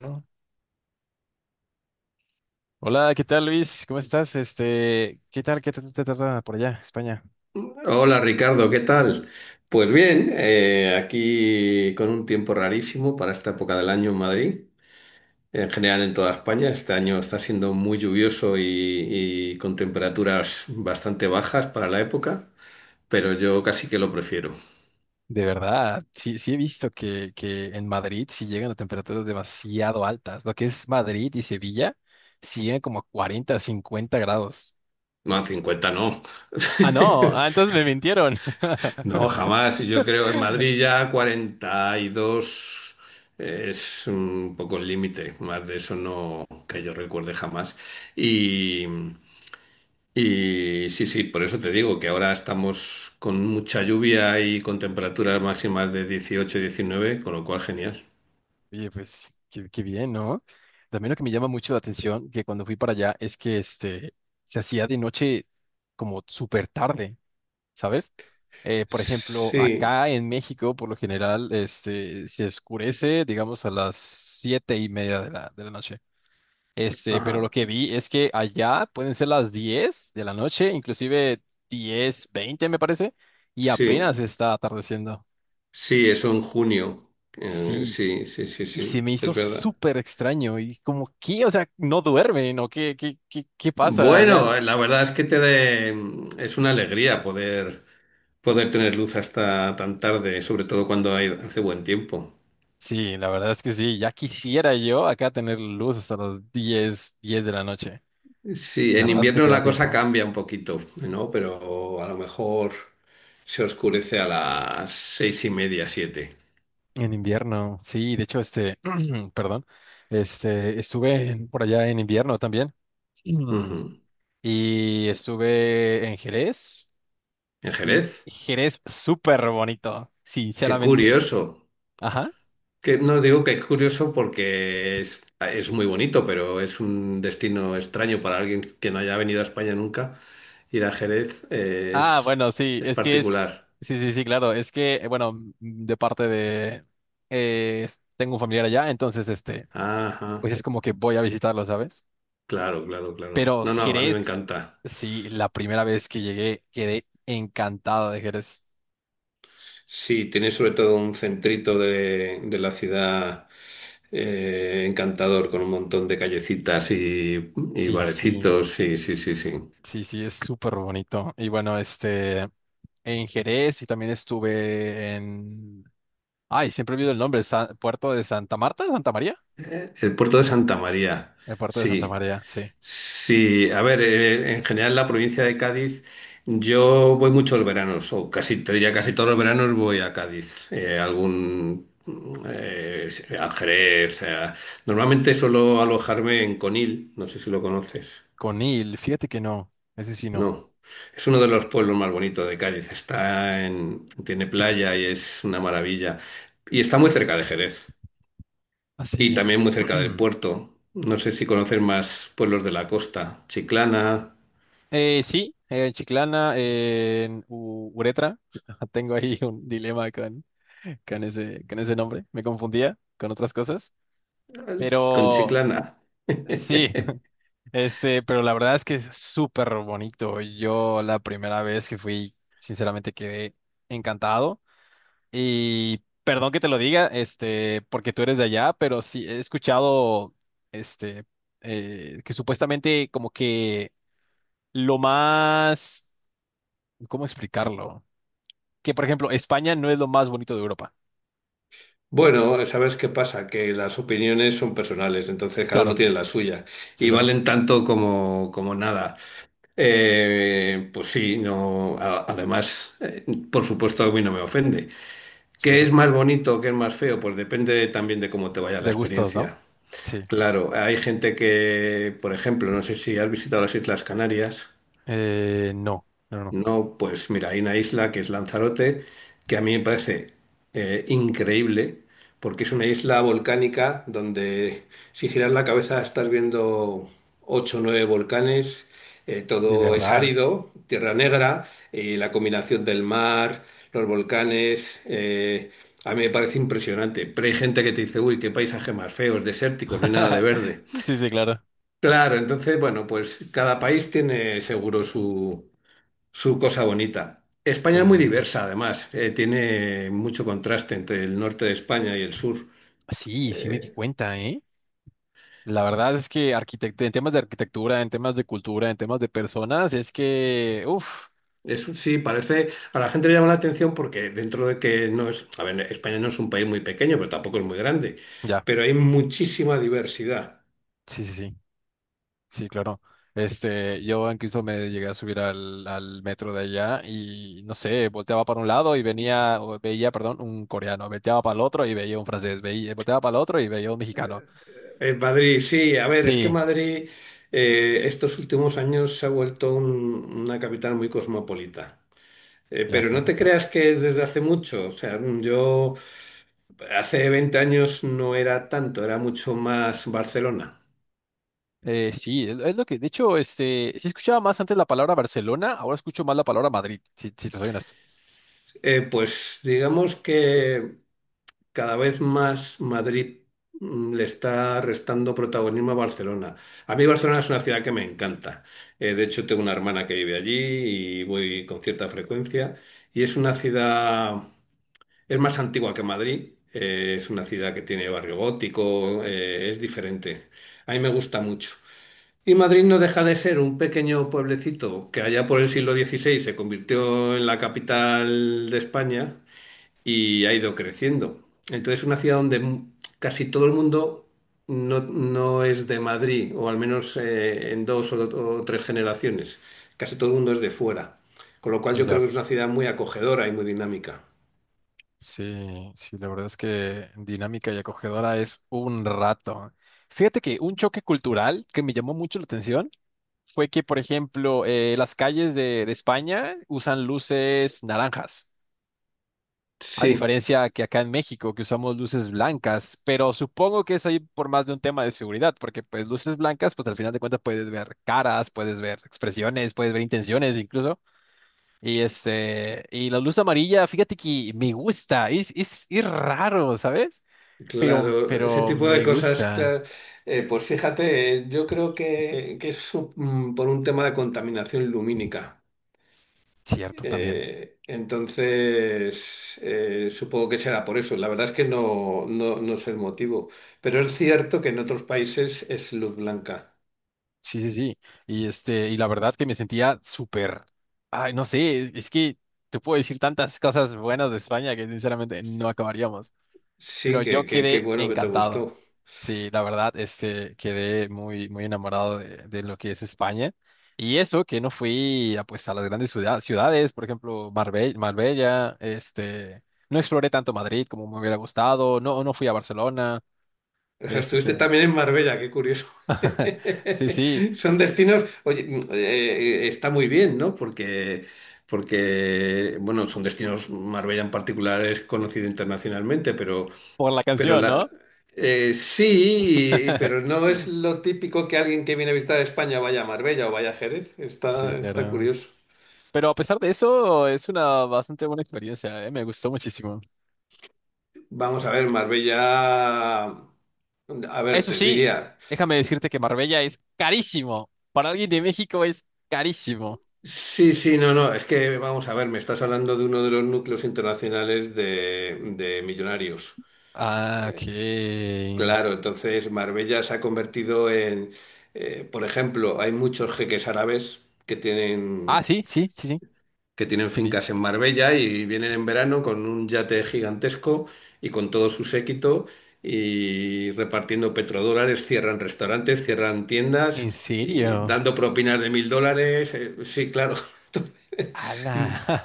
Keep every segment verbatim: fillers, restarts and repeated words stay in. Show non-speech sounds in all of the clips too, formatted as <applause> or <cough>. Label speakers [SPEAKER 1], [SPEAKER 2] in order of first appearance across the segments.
[SPEAKER 1] ¿No? Hola, ¿qué tal, Luis? ¿Cómo estás? Este, ¿qué tal? ¿Qué tal te trata por allá, España?
[SPEAKER 2] Hola Ricardo, ¿qué tal? Pues bien, eh, aquí con un tiempo rarísimo para esta época del año en Madrid, en general en toda España. Este año está siendo muy lluvioso y, y con temperaturas bastante bajas para la época, pero yo casi que lo prefiero.
[SPEAKER 1] De verdad, sí, sí he visto que, que en Madrid sí llegan a temperaturas demasiado altas. Lo que es Madrid y Sevilla siguen como a cuarenta, cincuenta grados.
[SPEAKER 2] No, cincuenta no.
[SPEAKER 1] Ah, no, ah,
[SPEAKER 2] <laughs>
[SPEAKER 1] entonces me mintieron. <laughs>
[SPEAKER 2] No, jamás. Yo creo en Madrid ya cuarenta y dos es un poco el límite, más de eso no que yo recuerde jamás. Y. Y sí, sí, por eso te digo que ahora estamos con mucha lluvia y con temperaturas máximas de dieciocho y diecinueve, con lo cual genial.
[SPEAKER 1] Oye, pues, qué, qué bien, ¿no? También lo que me llama mucho la atención, que cuando fui para allá, es que este, se hacía de noche como súper tarde. ¿Sabes? Eh, por ejemplo,
[SPEAKER 2] Sí,
[SPEAKER 1] acá en México, por lo general, este, se oscurece, digamos, a las siete y media de la, de la noche. Este, pero lo
[SPEAKER 2] ajá,
[SPEAKER 1] que vi es que allá pueden ser las diez de la noche, inclusive diez, veinte, me parece, y
[SPEAKER 2] sí,
[SPEAKER 1] apenas está atardeciendo.
[SPEAKER 2] sí, eso en junio. Eh,
[SPEAKER 1] Sí,
[SPEAKER 2] sí, sí, sí,
[SPEAKER 1] y se
[SPEAKER 2] sí,
[SPEAKER 1] me hizo
[SPEAKER 2] es verdad.
[SPEAKER 1] súper extraño. Y como, ¿qué? O sea, ¿no duermen, o qué, qué, qué, qué pasa allá?
[SPEAKER 2] Bueno, eh, la verdad es que te de- es una alegría poder, poder tener luz hasta tan tarde, sobre todo cuando hay- hace buen tiempo.
[SPEAKER 1] Sí, la verdad es que sí, ya quisiera yo acá tener luz hasta las diez, diez de la noche.
[SPEAKER 2] Sí,
[SPEAKER 1] La
[SPEAKER 2] en
[SPEAKER 1] verdad es que
[SPEAKER 2] invierno
[SPEAKER 1] te da
[SPEAKER 2] la cosa
[SPEAKER 1] tiempo.
[SPEAKER 2] cambia un poquito, ¿no? Pero a lo mejor se oscurece a las seis y media, siete.
[SPEAKER 1] En invierno, sí, de hecho, este, <clears throat> perdón, este, estuve en- por allá en invierno también. <clears throat> Mm.
[SPEAKER 2] Ujú.
[SPEAKER 1] Y estuve en Jerez.
[SPEAKER 2] ¿En
[SPEAKER 1] Y
[SPEAKER 2] Jerez?
[SPEAKER 1] Jerez súper bonito,
[SPEAKER 2] Qué
[SPEAKER 1] sinceramente.
[SPEAKER 2] curioso.
[SPEAKER 1] Ajá.
[SPEAKER 2] Que no digo que es curioso porque es, es muy bonito, pero es un destino extraño para alguien que no haya venido a España nunca. Ir a Jerez
[SPEAKER 1] Ah,
[SPEAKER 2] es,
[SPEAKER 1] bueno, sí,
[SPEAKER 2] es
[SPEAKER 1] es que es.
[SPEAKER 2] particular.
[SPEAKER 1] Sí, sí, sí, claro. Es que, eh, bueno, m- de parte de. eh, es- tengo un familiar allá, entonces, este,
[SPEAKER 2] Ajá,
[SPEAKER 1] pues es como que voy a visitarlo, ¿sabes?
[SPEAKER 2] claro, claro, claro.
[SPEAKER 1] Pero
[SPEAKER 2] No, no, a mí me
[SPEAKER 1] Jerez,
[SPEAKER 2] encanta.
[SPEAKER 1] sí, la primera vez que llegué quedé encantado de Jerez.
[SPEAKER 2] Sí, tiene sobre todo un centrito de, de la ciudad eh, encantador con un montón de callecitas y, y
[SPEAKER 1] Sí, sí,
[SPEAKER 2] barecitos. Sí, sí, sí, sí.
[SPEAKER 1] sí, sí, es súper bonito. Y bueno, este, en Jerez y también estuve en... Ay, siempre olvido el nombre, Sa- Puerto de Santa Marta, Santa María.
[SPEAKER 2] Eh, El puerto de Santa María.
[SPEAKER 1] El Puerto de Santa
[SPEAKER 2] Sí,
[SPEAKER 1] María, sí.
[SPEAKER 2] sí. A ver, eh, en general la provincia de Cádiz, yo voy muchos veranos, o casi, te diría casi todos los veranos voy a Cádiz. Eh, algún eh, a Jerez. a- Normalmente suelo alojarme en Conil, no sé si lo conoces.
[SPEAKER 1] Conil, fíjate que no, ese sí no.
[SPEAKER 2] No, es uno de los pueblos más bonitos de Cádiz. Está en, tiene playa y es una maravilla. Y está muy cerca de Jerez y
[SPEAKER 1] Así.
[SPEAKER 2] también muy cerca del
[SPEAKER 1] <clears throat>
[SPEAKER 2] puerto. No sé si conocer más pueblos de la costa. Chiclana,
[SPEAKER 1] Eh, sí, en Chiclana, en U- Uretra, <laughs> tengo ahí un dilema con, con ese, con ese nombre. Me confundía con otras cosas.
[SPEAKER 2] con
[SPEAKER 1] Pero
[SPEAKER 2] Chiclana. <laughs>
[SPEAKER 1] sí, <laughs> este, pero la verdad es que es súper bonito. Yo la primera vez que fui, sinceramente quedé encantado. Y perdón que te lo diga, este, porque tú eres de allá, pero sí he escuchado, este, eh, que supuestamente como que lo más, ¿cómo explicarlo? Que, por ejemplo, España no es lo más bonito de Europa.
[SPEAKER 2] Bueno, ¿sabes qué pasa? Que las opiniones son personales, entonces cada
[SPEAKER 1] Claro,
[SPEAKER 2] uno tiene la suya
[SPEAKER 1] sí,
[SPEAKER 2] y
[SPEAKER 1] claro,
[SPEAKER 2] valen tanto como, como nada. Eh, pues sí, no, a- además, eh, por supuesto a mí no me ofende.
[SPEAKER 1] sí,
[SPEAKER 2] ¿Qué
[SPEAKER 1] claro.
[SPEAKER 2] es más bonito, qué es más feo? Pues depende también de cómo te vaya la
[SPEAKER 1] De gustos, ¿no?
[SPEAKER 2] experiencia.
[SPEAKER 1] Sí.
[SPEAKER 2] Claro, hay gente que, por ejemplo, no sé si has visitado las Islas Canarias.
[SPEAKER 1] Eh, no, no, no,
[SPEAKER 2] No, pues mira, hay una isla que es Lanzarote, que a mí me parece eh, increíble, porque es una isla volcánica donde si giras la cabeza estás viendo ocho o nueve volcanes, eh,
[SPEAKER 1] de
[SPEAKER 2] todo es
[SPEAKER 1] verdad.
[SPEAKER 2] árido, tierra negra, y la combinación del mar, los volcanes, eh, a mí me parece impresionante. Pero hay gente que te dice, uy, qué paisaje más feo, es desértico, no hay nada de
[SPEAKER 1] <laughs>
[SPEAKER 2] verde.
[SPEAKER 1] Sí, sí, claro.
[SPEAKER 2] Claro, entonces, bueno, pues cada país tiene seguro su su cosa bonita.
[SPEAKER 1] Sí,
[SPEAKER 2] España es muy diversa, además. Eh, tiene mucho contraste entre el norte de España y el sur.
[SPEAKER 1] sí, sí me di
[SPEAKER 2] Eh,
[SPEAKER 1] cuenta, ¿eh? La verdad es que arquitect- en temas de arquitectura, en temas de cultura, en temas de personas, es que, uff,
[SPEAKER 2] Eso sí, parece. A la gente le llama la atención porque dentro de que no es. A ver, España no es un país muy pequeño, pero tampoco es muy grande.
[SPEAKER 1] ya,
[SPEAKER 2] Pero hay muchísima diversidad.
[SPEAKER 1] sí, sí, sí, sí, claro. Este, yo incluso me llegué a subir al, al metro de allá y, no sé, volteaba para un lado y venía, o veía, perdón, un coreano, volteaba para el otro y veía un francés, veía, volteaba para el otro y veía un mexicano.
[SPEAKER 2] En Madrid, sí, a ver, es que
[SPEAKER 1] Sí,
[SPEAKER 2] Madrid eh, estos últimos años se ha vuelto un- una capital muy cosmopolita. Eh,
[SPEAKER 1] ya,
[SPEAKER 2] pero no
[SPEAKER 1] claro.
[SPEAKER 2] te creas que es desde hace mucho. O sea, yo. Hace veinte años no era tanto, era mucho más Barcelona.
[SPEAKER 1] Eh, sí, es, es lo que, de hecho, este, sí escuchaba más antes la palabra Barcelona, ahora escucho más la palabra Madrid, si, si te soy honesto.
[SPEAKER 2] Eh, pues digamos que cada vez más Madrid mm, le está restando protagonismo a Barcelona. A mí Barcelona es una ciudad que me encanta. Eh, de hecho, tengo una hermana que vive allí y voy con cierta frecuencia. Y es una ciudad, es más antigua que Madrid, eh, es una ciudad que tiene barrio gótico, eh, es diferente. A mí me gusta mucho. Y Madrid no deja de ser un pequeño pueblecito que allá por el siglo dieciséis se convirtió en la capital de España y ha ido creciendo. Entonces es una ciudad donde mu- casi todo el mundo no, no es de Madrid, o al menos eh, en dos o, o tres generaciones. Casi todo el mundo es de fuera. Con lo cual yo creo
[SPEAKER 1] Ya,
[SPEAKER 2] que es una ciudad muy acogedora y muy dinámica.
[SPEAKER 1] sí, sí, la verdad es que dinámica y acogedora es un rato. Fíjate que un choque cultural que me llamó mucho la atención fue que, por ejemplo, eh, las calles de, de España usan luces naranjas. A
[SPEAKER 2] Sí.
[SPEAKER 1] diferencia que acá en México, que usamos luces blancas, pero supongo que es ahí por más de un tema de seguridad, porque pues luces blancas, pues al final de cuentas puedes ver caras, puedes ver expresiones, puedes ver intenciones incluso. Y este, y la luz amarilla, fíjate que me gusta, es, es, es raro, ¿sabes? Pero,
[SPEAKER 2] Claro, ese
[SPEAKER 1] pero
[SPEAKER 2] tipo de
[SPEAKER 1] me
[SPEAKER 2] cosas,
[SPEAKER 1] gusta,
[SPEAKER 2] claro. Eh, pues fíjate, eh, yo creo que, que es su- mm, por un tema de contaminación lumínica.
[SPEAKER 1] cierto, también.
[SPEAKER 2] Eh, entonces, eh, supongo que será por eso. La verdad es que no, no, no es el motivo. Pero es cierto que en otros países es luz blanca.
[SPEAKER 1] Sí, sí, sí. Y este, y la verdad que me sentía súper, ay, no sé, es, es que te puedo decir tantas cosas buenas de España que sinceramente no acabaríamos. Pero
[SPEAKER 2] Sí, que,
[SPEAKER 1] yo
[SPEAKER 2] que, qué
[SPEAKER 1] quedé
[SPEAKER 2] bueno que te
[SPEAKER 1] encantado.
[SPEAKER 2] gustó.
[SPEAKER 1] Sí, la verdad, este, quedé muy, muy enamorado de, de lo que es España. Y eso, que no fui a, pues, a las grandes ciudad- ciudades, por ejemplo, Marbella, Marbella, este, no exploré tanto Madrid como me hubiera gustado, no, no fui a Barcelona,
[SPEAKER 2] O sea, estuviste
[SPEAKER 1] este,
[SPEAKER 2] también en Marbella, qué curioso.
[SPEAKER 1] <laughs> sí, sí,
[SPEAKER 2] <laughs> Son destinos, oye, mm, eh, eh, está muy bien, ¿no? Porque, porque, bueno, son destinos, Marbella en particular es conocido internacionalmente, pero,
[SPEAKER 1] por la
[SPEAKER 2] pero
[SPEAKER 1] canción, ¿no?
[SPEAKER 2] la, eh, sí, y- pero
[SPEAKER 1] <laughs>
[SPEAKER 2] no es lo típico que alguien que viene a visitar España vaya a Marbella o vaya a Jerez.
[SPEAKER 1] Sí,
[SPEAKER 2] Está, está
[SPEAKER 1] claro.
[SPEAKER 2] curioso.
[SPEAKER 1] Pero a pesar de eso, es una bastante buena experiencia, ¿eh? Me gustó muchísimo.
[SPEAKER 2] Vamos a ver, Marbella, a ver,
[SPEAKER 1] Eso
[SPEAKER 2] te
[SPEAKER 1] sí,
[SPEAKER 2] diría.
[SPEAKER 1] déjame decirte que Marbella es carísimo. Para alguien de México es carísimo.
[SPEAKER 2] Sí, sí, no, no, es que vamos a ver, me estás hablando de uno de los núcleos internacionales de, de millonarios.
[SPEAKER 1] Ah, ok.
[SPEAKER 2] Claro, entonces Marbella se ha convertido en, eh, por ejemplo, hay muchos jeques árabes que
[SPEAKER 1] Ah,
[SPEAKER 2] tienen,
[SPEAKER 1] sí, sí, sí, sí,
[SPEAKER 2] que tienen
[SPEAKER 1] sí vi.
[SPEAKER 2] fincas en Marbella y vienen en verano con un yate gigantesco y con todo su séquito y repartiendo petrodólares, cierran restaurantes, cierran tiendas
[SPEAKER 1] ¿En
[SPEAKER 2] y
[SPEAKER 1] serio?
[SPEAKER 2] dando propinas de mil dólares. Eh, sí, claro.
[SPEAKER 1] ¡Hala!
[SPEAKER 2] <laughs>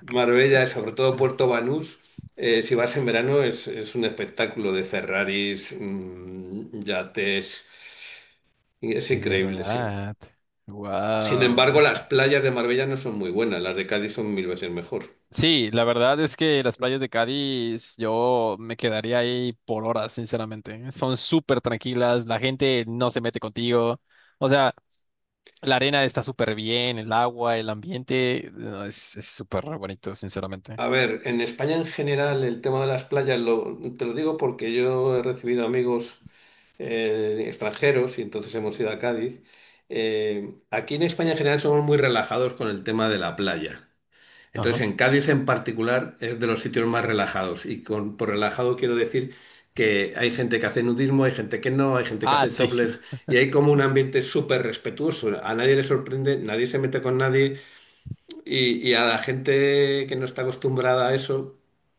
[SPEAKER 2] Marbella, sobre todo Puerto
[SPEAKER 1] <laughs>
[SPEAKER 2] Banús, eh, si vas en verano es, es un espectáculo de Ferraris, mm, yates, y es
[SPEAKER 1] De
[SPEAKER 2] increíble, sí.
[SPEAKER 1] verdad.
[SPEAKER 2] Sin embargo,
[SPEAKER 1] Wow.
[SPEAKER 2] las playas de Marbella no son muy buenas, las de Cádiz son mil veces mejor.
[SPEAKER 1] Sí, la verdad es que las playas de Cádiz, yo me quedaría ahí por horas, sinceramente. Son súper tranquilas, la gente no se mete contigo. O sea, la arena está súper bien, el agua, el ambiente, no, es es súper bonito, sinceramente.
[SPEAKER 2] A ver, en España en general el tema de las playas, lo- te lo digo porque yo he recibido amigos eh, extranjeros y entonces hemos ido a Cádiz. Eh, aquí en España en general somos muy relajados con el tema de la playa. Entonces,
[SPEAKER 1] Ajá.
[SPEAKER 2] en Cádiz en particular es de los sitios más relajados. Y con, por relajado quiero decir que hay gente que hace nudismo, hay gente que no, hay gente que
[SPEAKER 1] Ah,
[SPEAKER 2] hace
[SPEAKER 1] sí,
[SPEAKER 2] topless.
[SPEAKER 1] <laughs>
[SPEAKER 2] Y hay como un ambiente súper respetuoso. A nadie le sorprende, nadie se mete con nadie. Y, y a la gente que no está acostumbrada a eso,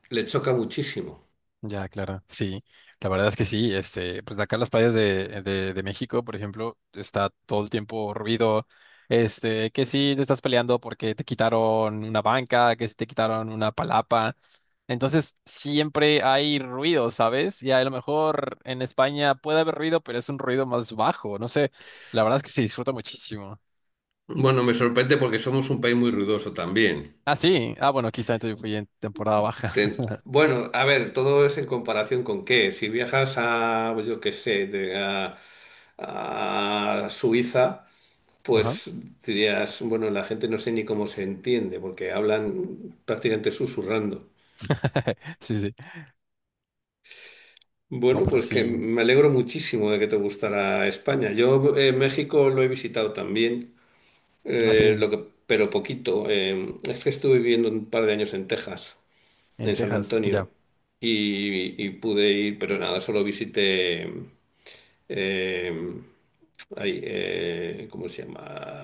[SPEAKER 2] le choca muchísimo.
[SPEAKER 1] ya, claro, sí. La verdad es que sí, este, pues acá en las playas de, de, de México, por ejemplo, está todo el tiempo ruido, este, que sí te estás peleando porque te quitaron una banca, que sí te quitaron una palapa. Entonces, siempre hay ruido, ¿sabes? Y a lo mejor en España puede haber ruido, pero es un ruido más bajo, no sé, la verdad es que se disfruta muchísimo.
[SPEAKER 2] Bueno, me sorprende porque somos un país muy ruidoso también.
[SPEAKER 1] Ah, sí. Ah, bueno, quizá entonces yo fui en temporada baja. <laughs>
[SPEAKER 2] Ten- Bueno, a ver, todo es en comparación con qué. Si viajas a, pues yo qué sé, de- a a Suiza.
[SPEAKER 1] Ajá.
[SPEAKER 2] Pues dirías, bueno, la gente no sé ni cómo se entiende, porque hablan prácticamente susurrando.
[SPEAKER 1] <laughs> Sí, sí. No,
[SPEAKER 2] Bueno,
[SPEAKER 1] pero
[SPEAKER 2] pues que
[SPEAKER 1] sí.
[SPEAKER 2] me alegro muchísimo de que te gustara España. Yo eh, México lo he visitado también,
[SPEAKER 1] Ah,
[SPEAKER 2] eh,
[SPEAKER 1] sí.
[SPEAKER 2] lo que, pero poquito. Eh, es que estuve viviendo un par de años en Texas,
[SPEAKER 1] En
[SPEAKER 2] en San
[SPEAKER 1] Texas, ya.
[SPEAKER 2] Antonio, y, y pude ir, pero nada, solo visité eh, ahí, eh, ¿cómo se llama?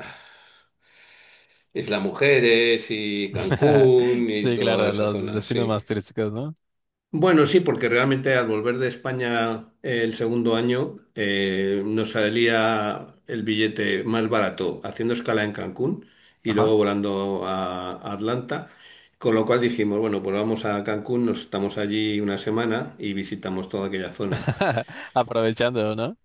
[SPEAKER 2] Isla Mujeres y
[SPEAKER 1] <laughs>
[SPEAKER 2] Cancún y
[SPEAKER 1] Sí,
[SPEAKER 2] toda
[SPEAKER 1] claro,
[SPEAKER 2] esa
[SPEAKER 1] los
[SPEAKER 2] zona,
[SPEAKER 1] destinos
[SPEAKER 2] sí.
[SPEAKER 1] más turísticos, ¿no?
[SPEAKER 2] Bueno, sí, porque realmente al volver de España eh, el segundo año eh, nos salía el billete más barato haciendo escala en Cancún y
[SPEAKER 1] Ajá.
[SPEAKER 2] luego volando a a Atlanta, con lo cual dijimos, bueno, pues vamos a Cancún, nos estamos allí una semana y visitamos toda aquella zona.
[SPEAKER 1] <laughs> Aprovechando, ¿no?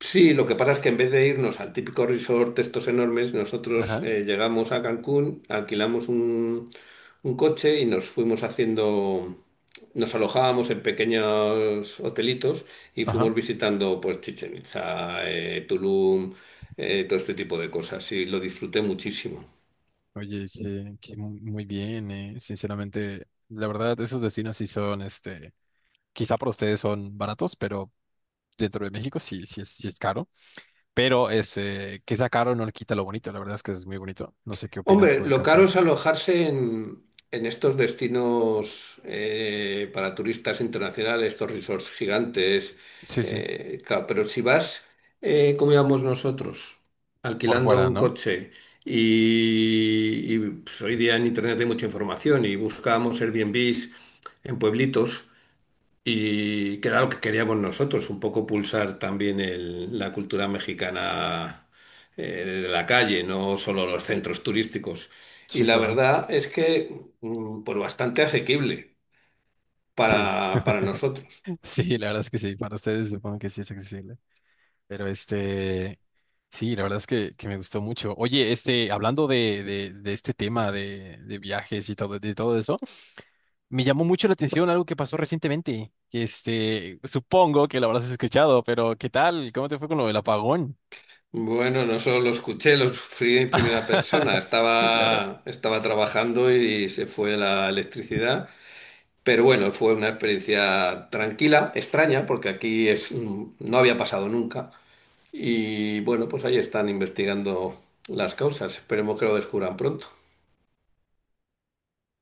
[SPEAKER 2] Sí, lo que pasa es que en vez de irnos al típico resort de estos enormes, nosotros
[SPEAKER 1] Ajá.
[SPEAKER 2] eh, llegamos a Cancún, alquilamos un, un coche y nos fuimos haciendo, nos alojábamos en pequeños hotelitos y
[SPEAKER 1] Ajá.
[SPEAKER 2] fuimos visitando pues Chichén Itzá, eh, Tulum, eh, todo este tipo de cosas y lo disfruté muchísimo.
[SPEAKER 1] Oye, que, que mu- muy bien, eh. Sinceramente, la verdad, esos destinos sí son, este, quizá para ustedes son baratos, pero dentro de México sí, sí es, sí es caro. Pero ese, que sea caro no le quita lo bonito. La verdad es que es muy bonito. No sé qué opinas
[SPEAKER 2] Hombre,
[SPEAKER 1] tú de
[SPEAKER 2] lo caro
[SPEAKER 1] Cancún.
[SPEAKER 2] es alojarse en, en estos destinos eh, para turistas internacionales, estos resorts gigantes.
[SPEAKER 1] Sí, sí.
[SPEAKER 2] Eh, claro, pero si vas, eh, como íbamos nosotros,
[SPEAKER 1] Por
[SPEAKER 2] alquilando
[SPEAKER 1] fuera,
[SPEAKER 2] un
[SPEAKER 1] ¿no?
[SPEAKER 2] coche y, y, pues, hoy día en Internet hay mucha información y buscábamos Airbnbs en pueblitos. Y que era lo que queríamos nosotros, un poco pulsar también el- la cultura mexicana eh, de la calle, no solo los centros turísticos. Y
[SPEAKER 1] Sí,
[SPEAKER 2] la
[SPEAKER 1] claro.
[SPEAKER 2] verdad es que, mm, pues bastante asequible
[SPEAKER 1] Sí,
[SPEAKER 2] para, para nosotros.
[SPEAKER 1] <laughs> sí, la verdad es que sí. Para ustedes supongo que sí es accesible. Pero este, sí, la verdad es que, que me gustó mucho. Oye, este, hablando de, de, de este tema de, de viajes y todo, de todo eso, me llamó mucho la atención algo que pasó recientemente. Que este, supongo que lo habrás escuchado, pero ¿qué tal? ¿Cómo te fue con lo del apagón?
[SPEAKER 2] Bueno, no solo lo escuché, lo sufrí en primera persona.
[SPEAKER 1] <laughs> Sí, claro.
[SPEAKER 2] Estaba, estaba trabajando y se fue la electricidad. Pero bueno, fue una experiencia tranquila, extraña, porque aquí es, mm, no había pasado nunca. Y bueno, pues ahí están investigando las causas. Esperemos que lo descubran pronto.